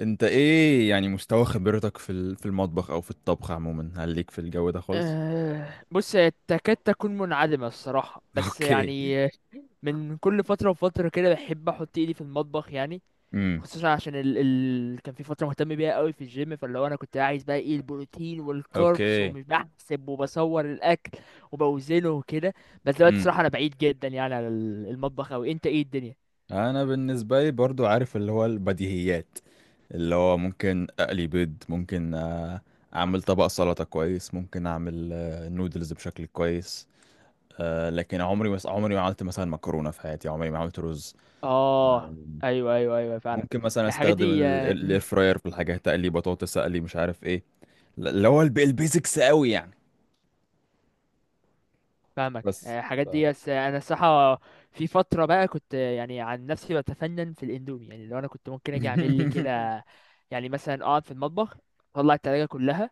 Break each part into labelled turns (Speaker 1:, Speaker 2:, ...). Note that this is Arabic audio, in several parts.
Speaker 1: انت ايه يعني مستوى خبرتك في المطبخ او في الطبخ عموما، هل ليك في الجو ده خالص؟
Speaker 2: بص هي تكاد تكون منعدمة الصراحة بس
Speaker 1: اوكي.
Speaker 2: يعني من كل فترة وفترة كده بحب أحط إيدي في المطبخ يعني
Speaker 1: امم.
Speaker 2: خصوصا عشان كان في فترة مهتم بيها قوي في الجيم فاللي هو أنا كنت عايز بقى إيه البروتين والكاربس
Speaker 1: اوكي.
Speaker 2: ومش بحسب وبصور الأكل وبوزنه وكده. بس دلوقتي
Speaker 1: امم.
Speaker 2: الصراحة أنا بعيد جدا يعني على المطبخ أوي. أنت إيه الدنيا؟
Speaker 1: انا بالنسبه لي برضو عارف اللي هو البديهيات، اللي هو ممكن اقلي بيض، ممكن اعمل طبق سلطه كويس، ممكن اعمل نودلز بشكل كويس. لكن عمري عمري ما عملت مثلا مكرونه في حياتي، عمري ما عملت رز.
Speaker 2: آه. أيوه فعلا.
Speaker 1: ممكن مثلا
Speaker 2: الحاجات
Speaker 1: استخدم
Speaker 2: دي،
Speaker 1: الاير فراير في الحاجه، اقلي بطاطس، اقلي مش عارف ايه. اللي هو البيزكس قوي يعني.
Speaker 2: فاهمك.
Speaker 1: بس.
Speaker 2: الحاجات دي، بس انا الصراحه في فتره بقى كنت يعني عن نفسي بتفنن في الاندومي. يعني لو انا كنت ممكن اجي اعمل لي كده، يعني مثلا اقعد في المطبخ، اطلع التلاجة كلها،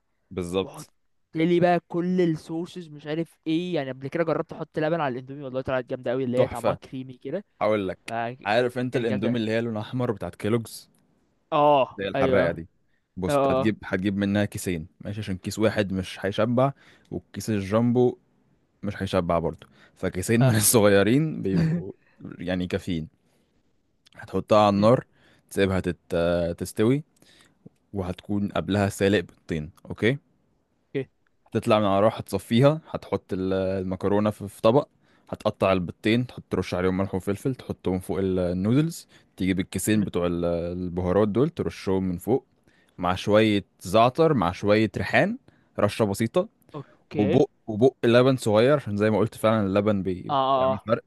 Speaker 2: واحط
Speaker 1: بالظبط،
Speaker 2: لي بقى كل الصوصز مش عارف ايه. يعني قبل كده جربت احط لبن على الاندومي والله طلعت جامده قوي، اللي هي طعمها
Speaker 1: تحفة.
Speaker 2: كريمي كده.
Speaker 1: هقول
Speaker 2: ف
Speaker 1: لك، عارف انت
Speaker 2: كانت
Speaker 1: الاندومي
Speaker 2: جامده.
Speaker 1: اللي هي لونها احمر بتاعت كيلوجز،
Speaker 2: اه
Speaker 1: اللي هي الحراقة
Speaker 2: ايوه.
Speaker 1: دي. بص، انت
Speaker 2: اه
Speaker 1: هتجيب منها كيسين، ماشي؟ عشان كيس واحد مش هيشبع، والكيس الجامبو مش هيشبع برضه. فكيسين
Speaker 2: اه
Speaker 1: من
Speaker 2: آه.
Speaker 1: الصغيرين بيبقوا يعني كافيين. هتحطها على النار، تسيبها تستوي، وهتكون قبلها سالق بيضتين، اوكي.
Speaker 2: أوكي.
Speaker 1: تطلع من على النار، هتصفيها، هتحط المكرونة في طبق. هتقطع البيضتين، تحط ترش عليهم ملح وفلفل، تحطهم فوق النودلز. تجيب الكيسين بتوع البهارات دول، ترشهم من فوق مع شوية زعتر مع شوية ريحان، رشة بسيطة.
Speaker 2: اوكي. اه
Speaker 1: وبق لبن صغير، عشان زي ما قلت فعلا اللبن
Speaker 2: اه
Speaker 1: بيعمل
Speaker 2: آه.
Speaker 1: فرق.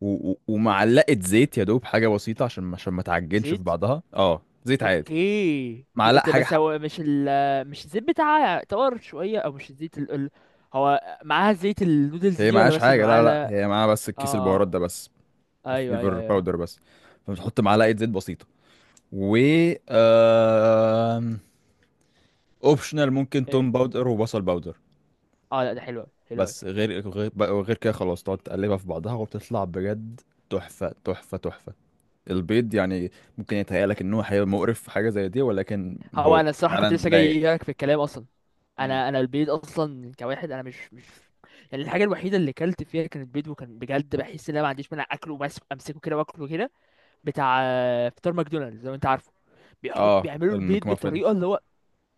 Speaker 1: ومعلقة زيت، يا دوب حاجة بسيطة، عشان ما تعجنش في
Speaker 2: زيت.
Speaker 1: بعضها، اه زيت عادي،
Speaker 2: اوكي.
Speaker 1: معلقة
Speaker 2: طب
Speaker 1: حاجة
Speaker 2: بس
Speaker 1: حق.
Speaker 2: هو مش مش الزيت بتاعها طار شويه؟ او مش الزيت هو معاها زيت النودلز
Speaker 1: هي
Speaker 2: دي ولا
Speaker 1: معهاش
Speaker 2: بس
Speaker 1: حاجة،
Speaker 2: بيبقى معاها؟
Speaker 1: لا لا لا، هي
Speaker 2: لا.
Speaker 1: معاها بس الكيس
Speaker 2: اه
Speaker 1: البهارات
Speaker 2: آه.
Speaker 1: ده بس،
Speaker 2: ايوه ايوه
Speaker 1: فليفر
Speaker 2: ايوه
Speaker 1: باودر بس. فبتحط معلقه زيت بسيطه، و آم، اوبشنال ممكن توم
Speaker 2: ايه.
Speaker 1: باودر وبصل باودر.
Speaker 2: اه، لا ده حلو أوي، حلو قوي.
Speaker 1: بس غير كده خلاص تقعد تقلبها في بعضها وبتطلع بجد، تحفه تحفه تحفه. البيض يعني ممكن يتهيألك ان هو هيبقى مقرف في حاجه زي دي، ولكن
Speaker 2: هو
Speaker 1: هو
Speaker 2: انا الصراحه كنت
Speaker 1: فعلا
Speaker 2: لسه
Speaker 1: لايق.
Speaker 2: جاي لك في الكلام اصلا.
Speaker 1: مم.
Speaker 2: انا البيض اصلا كواحد انا مش يعني الحاجه الوحيده اللي اكلت فيها كانت بيض، وكان بجد بحس ان انا ما عنديش مانع اكله بس امسكه كده واكله كده. بتاع فطار ماكدونالدز لو انت عارفه، بيحط
Speaker 1: اه،
Speaker 2: بيعملوا البيض
Speaker 1: المكمافن.
Speaker 2: بطريقه اللي هو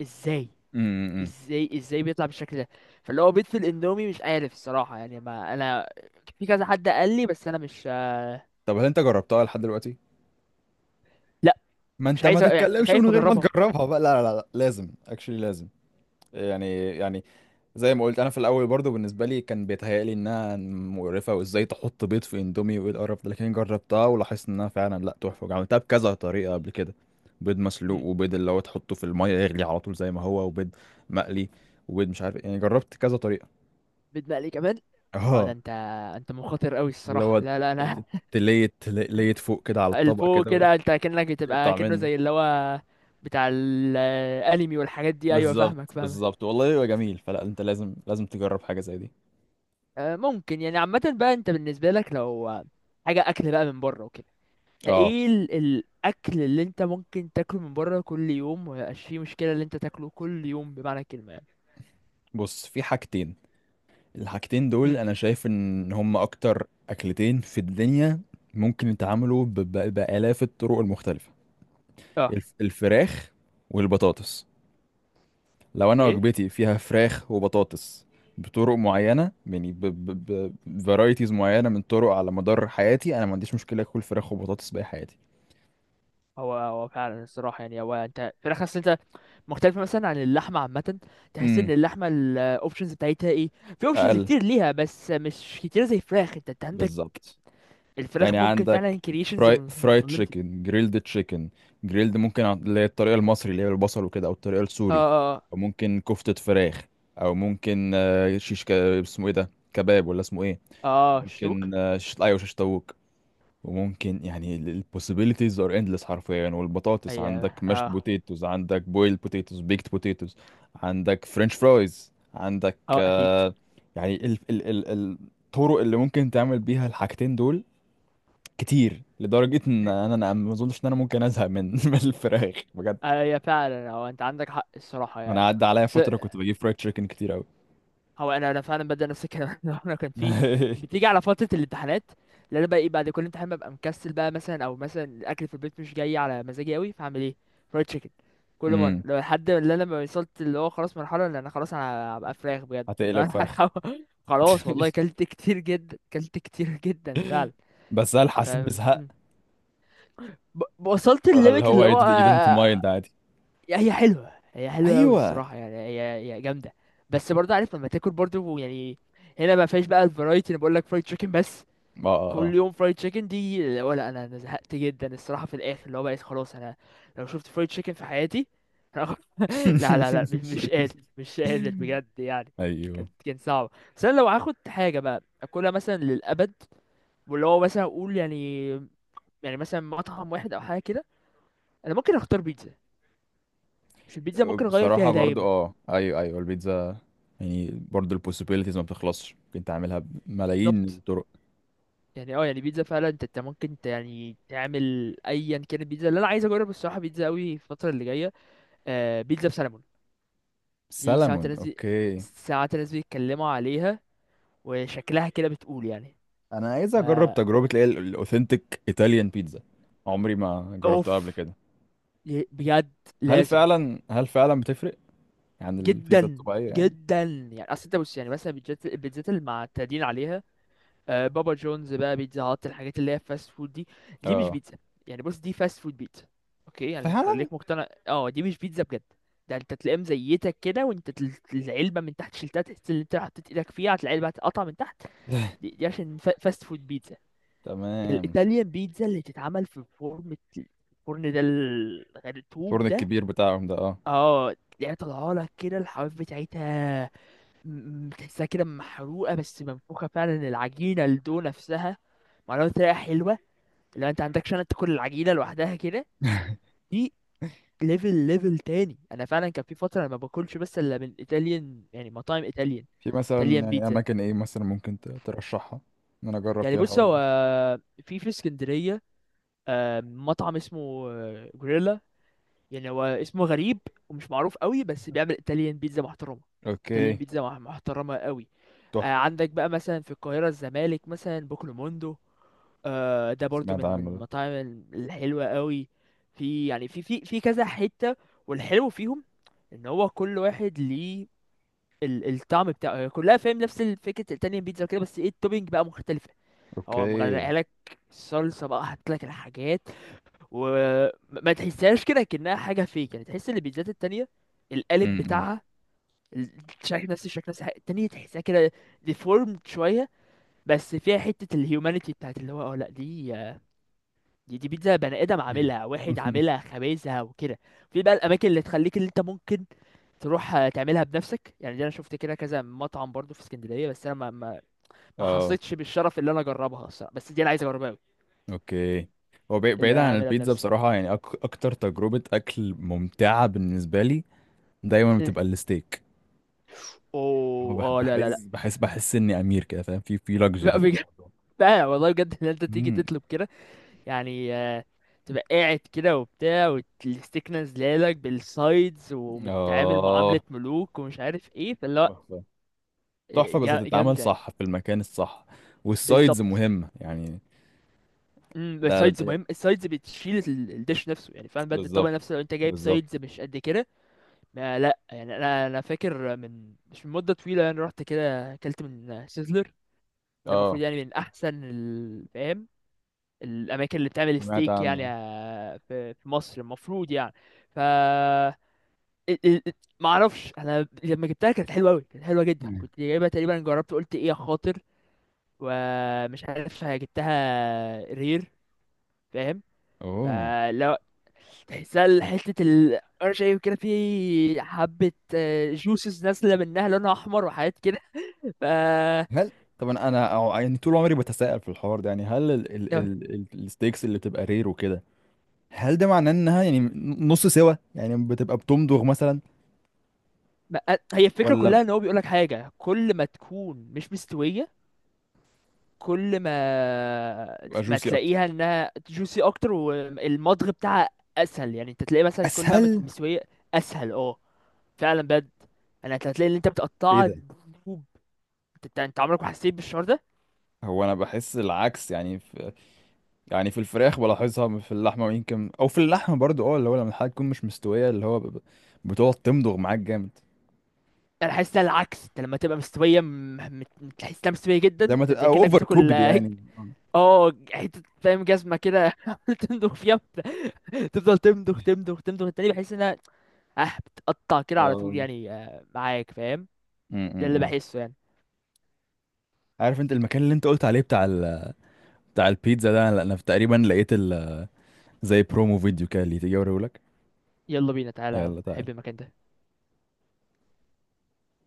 Speaker 2: ازاي؟
Speaker 1: امم.
Speaker 2: ازاي بيطلع بالشكل ده؟ فاللي هو بيض في الاندومي مش عارف الصراحه. يعني ما انا في كذا حد قال لي بس انا مش.
Speaker 1: طب هل انت جربتها لحد دلوقتي؟
Speaker 2: لا.
Speaker 1: ما
Speaker 2: مش
Speaker 1: انت ما
Speaker 2: عايز يعني
Speaker 1: تتكلمش من
Speaker 2: خايف
Speaker 1: غير ما
Speaker 2: اجربها.
Speaker 1: تجربها بقى، لا لا لا، لازم اكشلي لازم. يعني زي ما قلت انا في الاول برضو بالنسبه لي كان بيتهيألي انها مقرفه، وازاي تحط بيض في اندومي، وايه القرف ده، لكن جربتها ولاحظت انها فعلا لا، تحفه، وعملتها بكذا طريقه قبل كده. بيض مسلوق،
Speaker 2: مم.
Speaker 1: وبيض اللي هو تحطه في الميه يغلي على طول زي ما هو، وبيض مقلي، وبيض مش عارف إيه. يعني جربت كذا طريقه.
Speaker 2: بيض مقلي كمان؟ اه ده
Speaker 1: اه،
Speaker 2: انت، انت مخاطر قوي
Speaker 1: اللي
Speaker 2: الصراحه.
Speaker 1: هو
Speaker 2: لا لا
Speaker 1: ت-
Speaker 2: انا.
Speaker 1: ت- تليت تليت فوق كده على الطبق
Speaker 2: الفوق
Speaker 1: كده،
Speaker 2: كده انت كأنك بتبقى
Speaker 1: وتقطع
Speaker 2: كأنه
Speaker 1: منه.
Speaker 2: زي اللي هو بتاع الانمي والحاجات دي. ايوه فاهمك
Speaker 1: بالظبط
Speaker 2: فاهمك.
Speaker 1: بالظبط، والله هو جميل، فلا انت لازم لازم تجرب حاجه زي دي.
Speaker 2: ممكن يعني. عامه بقى انت بالنسبه لك لو حاجه اكل بقى من بره وكده،
Speaker 1: اه،
Speaker 2: ايه الاكل اللي انت ممكن تاكله من بره كل يوم وميبقاش فيه مشكله؟ اللي انت تاكله كل يوم بمعنى الكلمه يعني.
Speaker 1: بص، في حاجتين. الحاجتين دول
Speaker 2: امم.
Speaker 1: انا شايف ان هم اكتر اكلتين في الدنيا، ممكن يتعاملوا بالاف الطرق المختلفه.
Speaker 2: اه.
Speaker 1: الفراخ والبطاطس. لو انا
Speaker 2: ايه.
Speaker 1: وجبتي فيها فراخ وبطاطس بطرق معينه يعني، بفرايتيز معينه من طرق، على مدار حياتي انا ما عنديش مشكله اكل فراخ وبطاطس باقي حياتي.
Speaker 2: هو هو فعلا الصراحه يعني. هو انت فراخ اصل انت مختلفه مثلا عن اللحمه عامه. تحس ان
Speaker 1: امم.
Speaker 2: اللحمه الاوبشنز بتاعتها ايه؟ في اوبشنز
Speaker 1: اقل.
Speaker 2: كتير ليها بس مش كتير زي الفراخ. انت انت عندك
Speaker 1: بالظبط. يعني
Speaker 2: الفراخ ممكن
Speaker 1: عندك
Speaker 2: فعلا كرييشنز
Speaker 1: فرايد
Speaker 2: انليمتد.
Speaker 1: تشيكن، جريلد تشيكن. جريلد ممكن اللي هي الطريقة المصري اللي هي بالبصل وكده، أو الطريقة
Speaker 2: اه.
Speaker 1: السوري،
Speaker 2: اه
Speaker 1: أو ممكن كفتة فراخ، أو ممكن شيش اسمه إيه ده، كباب ولا اسمه إيه؟
Speaker 2: اه شتوك.
Speaker 1: ممكن شيش، أيوة شيش طاووق. وممكن يعني ال possibilities are endless حرفيا يعني. والبطاطس عندك
Speaker 2: ايوه.
Speaker 1: mashed
Speaker 2: اه.
Speaker 1: potatoes، عندك boiled potatoes، baked potatoes، عندك French fries، عندك
Speaker 2: اه اكيد.
Speaker 1: يعني الطرق اللي ممكن تعمل بيها الحاجتين دول كتير، لدرجة ان
Speaker 2: مم.
Speaker 1: انا ما اظنش ان انا ممكن ازهق من من الفراخ بجد.
Speaker 2: ايوه فعلا هو انت عندك حق الصراحه
Speaker 1: انا
Speaker 2: يعني.
Speaker 1: عدى عليا فترة كنت بجيب فرايد تشيكن كتير قوي.
Speaker 2: هو انا انا فعلا ببدا نفس الكلام. انا كان في، بتيجي على فتره الامتحانات اللي انا بقى ايه بعد كل امتحان ببقى مكسل بقى مثلا، او مثلا الاكل في البيت مش جاي على مزاجي قوي، فاعمل ايه؟ فرايد تشيكن. كل مره،
Speaker 1: امم.
Speaker 2: لو لحد ما انا ما وصلت اللي هو خلاص مرحله اللي انا خلاص انا هبقى فراخ بجد. لو
Speaker 1: هتقلب
Speaker 2: انا
Speaker 1: فرخ.
Speaker 2: خلاص والله كلت كتير جدا، كلت كتير جدا فعلا.
Speaker 1: بس هل
Speaker 2: ف
Speaker 1: حسيت بزهق؟
Speaker 2: وصلت
Speaker 1: ولا اللي
Speaker 2: الليميت اللي
Speaker 1: هو you
Speaker 2: هو،
Speaker 1: didn't you didn't mind عادي.
Speaker 2: هي حلوه، هي حلوه قوي
Speaker 1: ايوه،
Speaker 2: الصراحه يعني. هي هي جامده. بس برضه عارف لما تاكل برضه يعني، هنا ما فيهاش بقى الفرايتي. انا بقول لك فرايد تشيكن بس،
Speaker 1: اه اه
Speaker 2: كل
Speaker 1: اه.
Speaker 2: يوم فرايد تشيكن دي. ولا انا انا زهقت جدا الصراحه في الاخر اللي هو بقيت خلاص انا لو شفت فرايد تشيكن في حياتي، لا لا لا مش مش قادر، مش قادر بجد يعني.
Speaker 1: ايوه.
Speaker 2: كان صعب. بس انا لو هاخد حاجه بقى اكلها مثلا للابد، واللي هو مثلا اقول يعني، يعني مثلا مطعم واحد او حاجه كده، انا ممكن اختار بيتزا. مش البيتزا ممكن اغير فيها
Speaker 1: بصراحة برضو
Speaker 2: دايما.
Speaker 1: اه، ايوه ايوه البيتزا. يعني برضو البوسيبيليتيز ما بتخلصش، ممكن تعملها بملايين
Speaker 2: بالظبط.
Speaker 1: الطرق.
Speaker 2: يعني اه، يعني بيتزا فعلا انت انت ممكن يعني تعمل ايا كان. البيتزا اللي انا عايز اجرب الصراحه بيتزا قوي الفتره اللي جايه، بيتزا بسلمون. دي ساعات
Speaker 1: سلمون،
Speaker 2: الناس
Speaker 1: اوكي.
Speaker 2: ساعات الناس بيتكلموا عليها وشكلها كده بتقول يعني.
Speaker 1: انا عايز اجرب
Speaker 2: فا
Speaker 1: تجربه اللي هي الاوثنتيك ايطاليان بيتزا، عمري ما جربتها قبل
Speaker 2: اوف.
Speaker 1: كده.
Speaker 2: بجد،
Speaker 1: هل
Speaker 2: لازم.
Speaker 1: فعلا هل فعلا بتفرق عن البيتزا
Speaker 2: جدا
Speaker 1: الطبيعيه يعني؟
Speaker 2: جدا يعني. اصل انت بص يعني مثلا البيتزات المعتادين عليها، بابا جونز بقى، بيتزا هات، الحاجات اللي هي فاست فود دي، دي مش
Speaker 1: اه،
Speaker 2: بيتزا. يعني بص دي فاست فود بيتزا. اوكي يعني
Speaker 1: فعلا.
Speaker 2: خليك مقتنع، اه دي مش بيتزا بجد. ده انت تلاقيهم زيتك كده، وانت العلبه من تحت شلتها تحس ان انت حطيت ايدك فيها، هتلاقي العلبه هتتقطع من تحت. دي عشان فاست فود بيتزا.
Speaker 1: تمام.
Speaker 2: الايطاليان بيتزا اللي تتعمل في فرن، الفرن ده الطوب
Speaker 1: الفرن
Speaker 2: ده،
Speaker 1: الكبير بتاعهم ده، اه.
Speaker 2: اه تلاقيها طالعه لك كده الحواف بتاعتها، تحسها كده محروقه بس منفوخه فعلا. العجينه، الدو نفسها معموله بطريقه حلوه. لو انت عندكش انا تاكل العجينه لوحدها كده. دي ليفل، ليفل تاني. انا فعلا كان في فتره انا ما باكلش بس الا من ايطاليان، يعني مطاعم ايطاليان،
Speaker 1: في مثلا
Speaker 2: ايطاليان
Speaker 1: يعني
Speaker 2: بيتزا.
Speaker 1: اماكن ايه مثلا ممكن ترشحها ان انا اجرب
Speaker 2: يعني
Speaker 1: فيها
Speaker 2: بص
Speaker 1: الحوار
Speaker 2: هو
Speaker 1: ده؟
Speaker 2: في في اسكندريه مطعم اسمه جوريلا. يعني هو اسمه غريب ومش معروف قوي، بس بيعمل ايطاليان بيتزا محترمه. ايطاليان
Speaker 1: اوكي،
Speaker 2: بيتزا محترمه قوي. آه
Speaker 1: تحفه.
Speaker 2: عندك بقى مثلا في القاهره، الزمالك مثلا، بوكلو موندو، آه ده برضو
Speaker 1: سمعت
Speaker 2: من من
Speaker 1: عنه ده.
Speaker 2: المطاعم الحلوه قوي. في يعني في في في كذا حته. والحلو فيهم ان هو كل واحد ليه الطعم بتاعه. هي كلها فاهم نفس فكره الايطاليان بيتزا كده، بس ايه التوبينج بقى مختلفه. هو
Speaker 1: اوكي.
Speaker 2: مغرقها لك الصلصه بقى، حاطط لك الحاجات، وما تحسهاش كده كأنها حاجة فيك. يعني تحس ان البيتزات التانية القالب
Speaker 1: امم.
Speaker 2: بتاعها الشكل نفس الشكل، نفس الحاجة. التانية تحسها كده ديفورمد شوية، بس فيها حتة الهيومانيتي بتاعت اللي هو اه. لا دي، دي بيتزا بني آدم عاملها، واحد عاملها خبازها وكده. في بقى الأماكن اللي تخليك اللي انت ممكن تروح تعملها بنفسك. يعني دي انا شفت كده كذا مطعم برضو في اسكندرية، بس انا ما
Speaker 1: اه،
Speaker 2: حصيتش بالشرف اللي انا اجربها الصراحة، بس دي انا عايز اجربها قوي.
Speaker 1: اوكي. هو
Speaker 2: اللي
Speaker 1: بعيد
Speaker 2: انا
Speaker 1: عن
Speaker 2: اعملها
Speaker 1: البيتزا
Speaker 2: بنفسي،
Speaker 1: بصراحة، يعني أكتر تجربة أكل ممتعة بالنسبة لي دايما
Speaker 2: إيه.
Speaker 1: بتبقى الستيك. هو
Speaker 2: اوه.
Speaker 1: بح-
Speaker 2: اه لا لا
Speaker 1: بحس
Speaker 2: لا.
Speaker 1: بحس بحس اني امير كده، فاهم، في لاكجري في الموضوع.
Speaker 2: بقى والله بجد ان انت تيجي
Speaker 1: امم.
Speaker 2: تطلب كده يعني، تبقى قاعد كده وبتاع، والستيك نازلالك بالسايدز، ومتعامل معاملة
Speaker 1: اه،
Speaker 2: ملوك ومش عارف ايه. فاللي هو
Speaker 1: تحفه تحفه، بس هتتعمل
Speaker 2: جامدة.
Speaker 1: صح في المكان الصح، والسايدز
Speaker 2: بالظبط.
Speaker 1: مهمه يعني.
Speaker 2: امم.
Speaker 1: ده,
Speaker 2: السايدز
Speaker 1: ده
Speaker 2: مهم. السايدز بتشيل الدش نفسه يعني فعلا بجد. الطبق
Speaker 1: بالظبط
Speaker 2: نفسه لو انت جايب سايدز
Speaker 1: بالظبط.
Speaker 2: مش قد كده، ما لا يعني انا انا فاكر من مش من مدة طويلة يعني، رحت كده اكلت من سيزلر. ده المفروض
Speaker 1: اه،
Speaker 2: يعني من احسن الاماكن اللي بتعمل
Speaker 1: سمعت
Speaker 2: ستيك يعني
Speaker 1: عنه.
Speaker 2: في في مصر المفروض يعني. ف ال- ال- ال- ما اعرفش انا لما جبتها كانت حلوه قوي، كانت حلوه جدا.
Speaker 1: مم.
Speaker 2: كنت جايبها تقريبا، جربت قلت ايه يا خاطر، ومش عارف، جبتها رير فاهم.
Speaker 1: اوه.
Speaker 2: فلو تحسها حته، انا شايف كده في حبه جوسز نازله منها لونها احمر وحاجات كده. ف
Speaker 1: هل طبعا انا أو يعني طول عمري بتساءل في الحوار ده، يعني هل ال الستيكس اللي بتبقى رير وكده، هل ده معناه انها يعني نص سوا، يعني بتبقى بتمضغ مثلا،
Speaker 2: ما- هي الفكره
Speaker 1: ولا
Speaker 2: كلها ان هو بيقول لك حاجه كل ما تكون مش مستويه، كل ما
Speaker 1: بتبقى
Speaker 2: ما
Speaker 1: جوسي اكتر،
Speaker 2: تلاقيها انها جوسي اكتر، والمضغ بتاعها اسهل. يعني انت تلاقيه مثلا كل بقى ما تكون
Speaker 1: اسهل؟
Speaker 2: مستويه اسهل، اه فعلا بجد. انت هتلاقي اللي انت
Speaker 1: ايه
Speaker 2: بتقطعها
Speaker 1: ده؟
Speaker 2: دبوب، انت انت عمرك ما حسيت بالشعور ده؟
Speaker 1: هو انا بحس العكس، يعني في الفراخ بلاحظها، في اللحمه ويمكن او في اللحمه برضو، اه اللي هو لما الحاجه تكون مش مستويه اللي هو بتقعد تمضغ معاك جامد.
Speaker 2: انا حاسس ده العكس، انت لما تبقى مستويه تحس انها مستويه جدا،
Speaker 1: لما تبقى
Speaker 2: انت كأنك
Speaker 1: اوفر
Speaker 2: بتاكل
Speaker 1: كوكد يعني.
Speaker 2: حته فاهم جزمه كده، عمال تمضغ فيها تفضل تمضغ، تمضغ. التاني بحس انها اه بتقطع كده على طول
Speaker 1: آه.
Speaker 2: يعني، معاك فاهم؟ ده اللي
Speaker 1: امم.
Speaker 2: بحسه يعني.
Speaker 1: عارف انت المكان اللي انت قلت عليه بتاع بتاع البيتزا ده، لا انا تقريبا لقيت ال... زي برومو فيديو كده، اللي تيجي اوريهولك.
Speaker 2: يلا بينا تعالى يا عم،
Speaker 1: يلا
Speaker 2: بحب
Speaker 1: تعالى.
Speaker 2: المكان ده.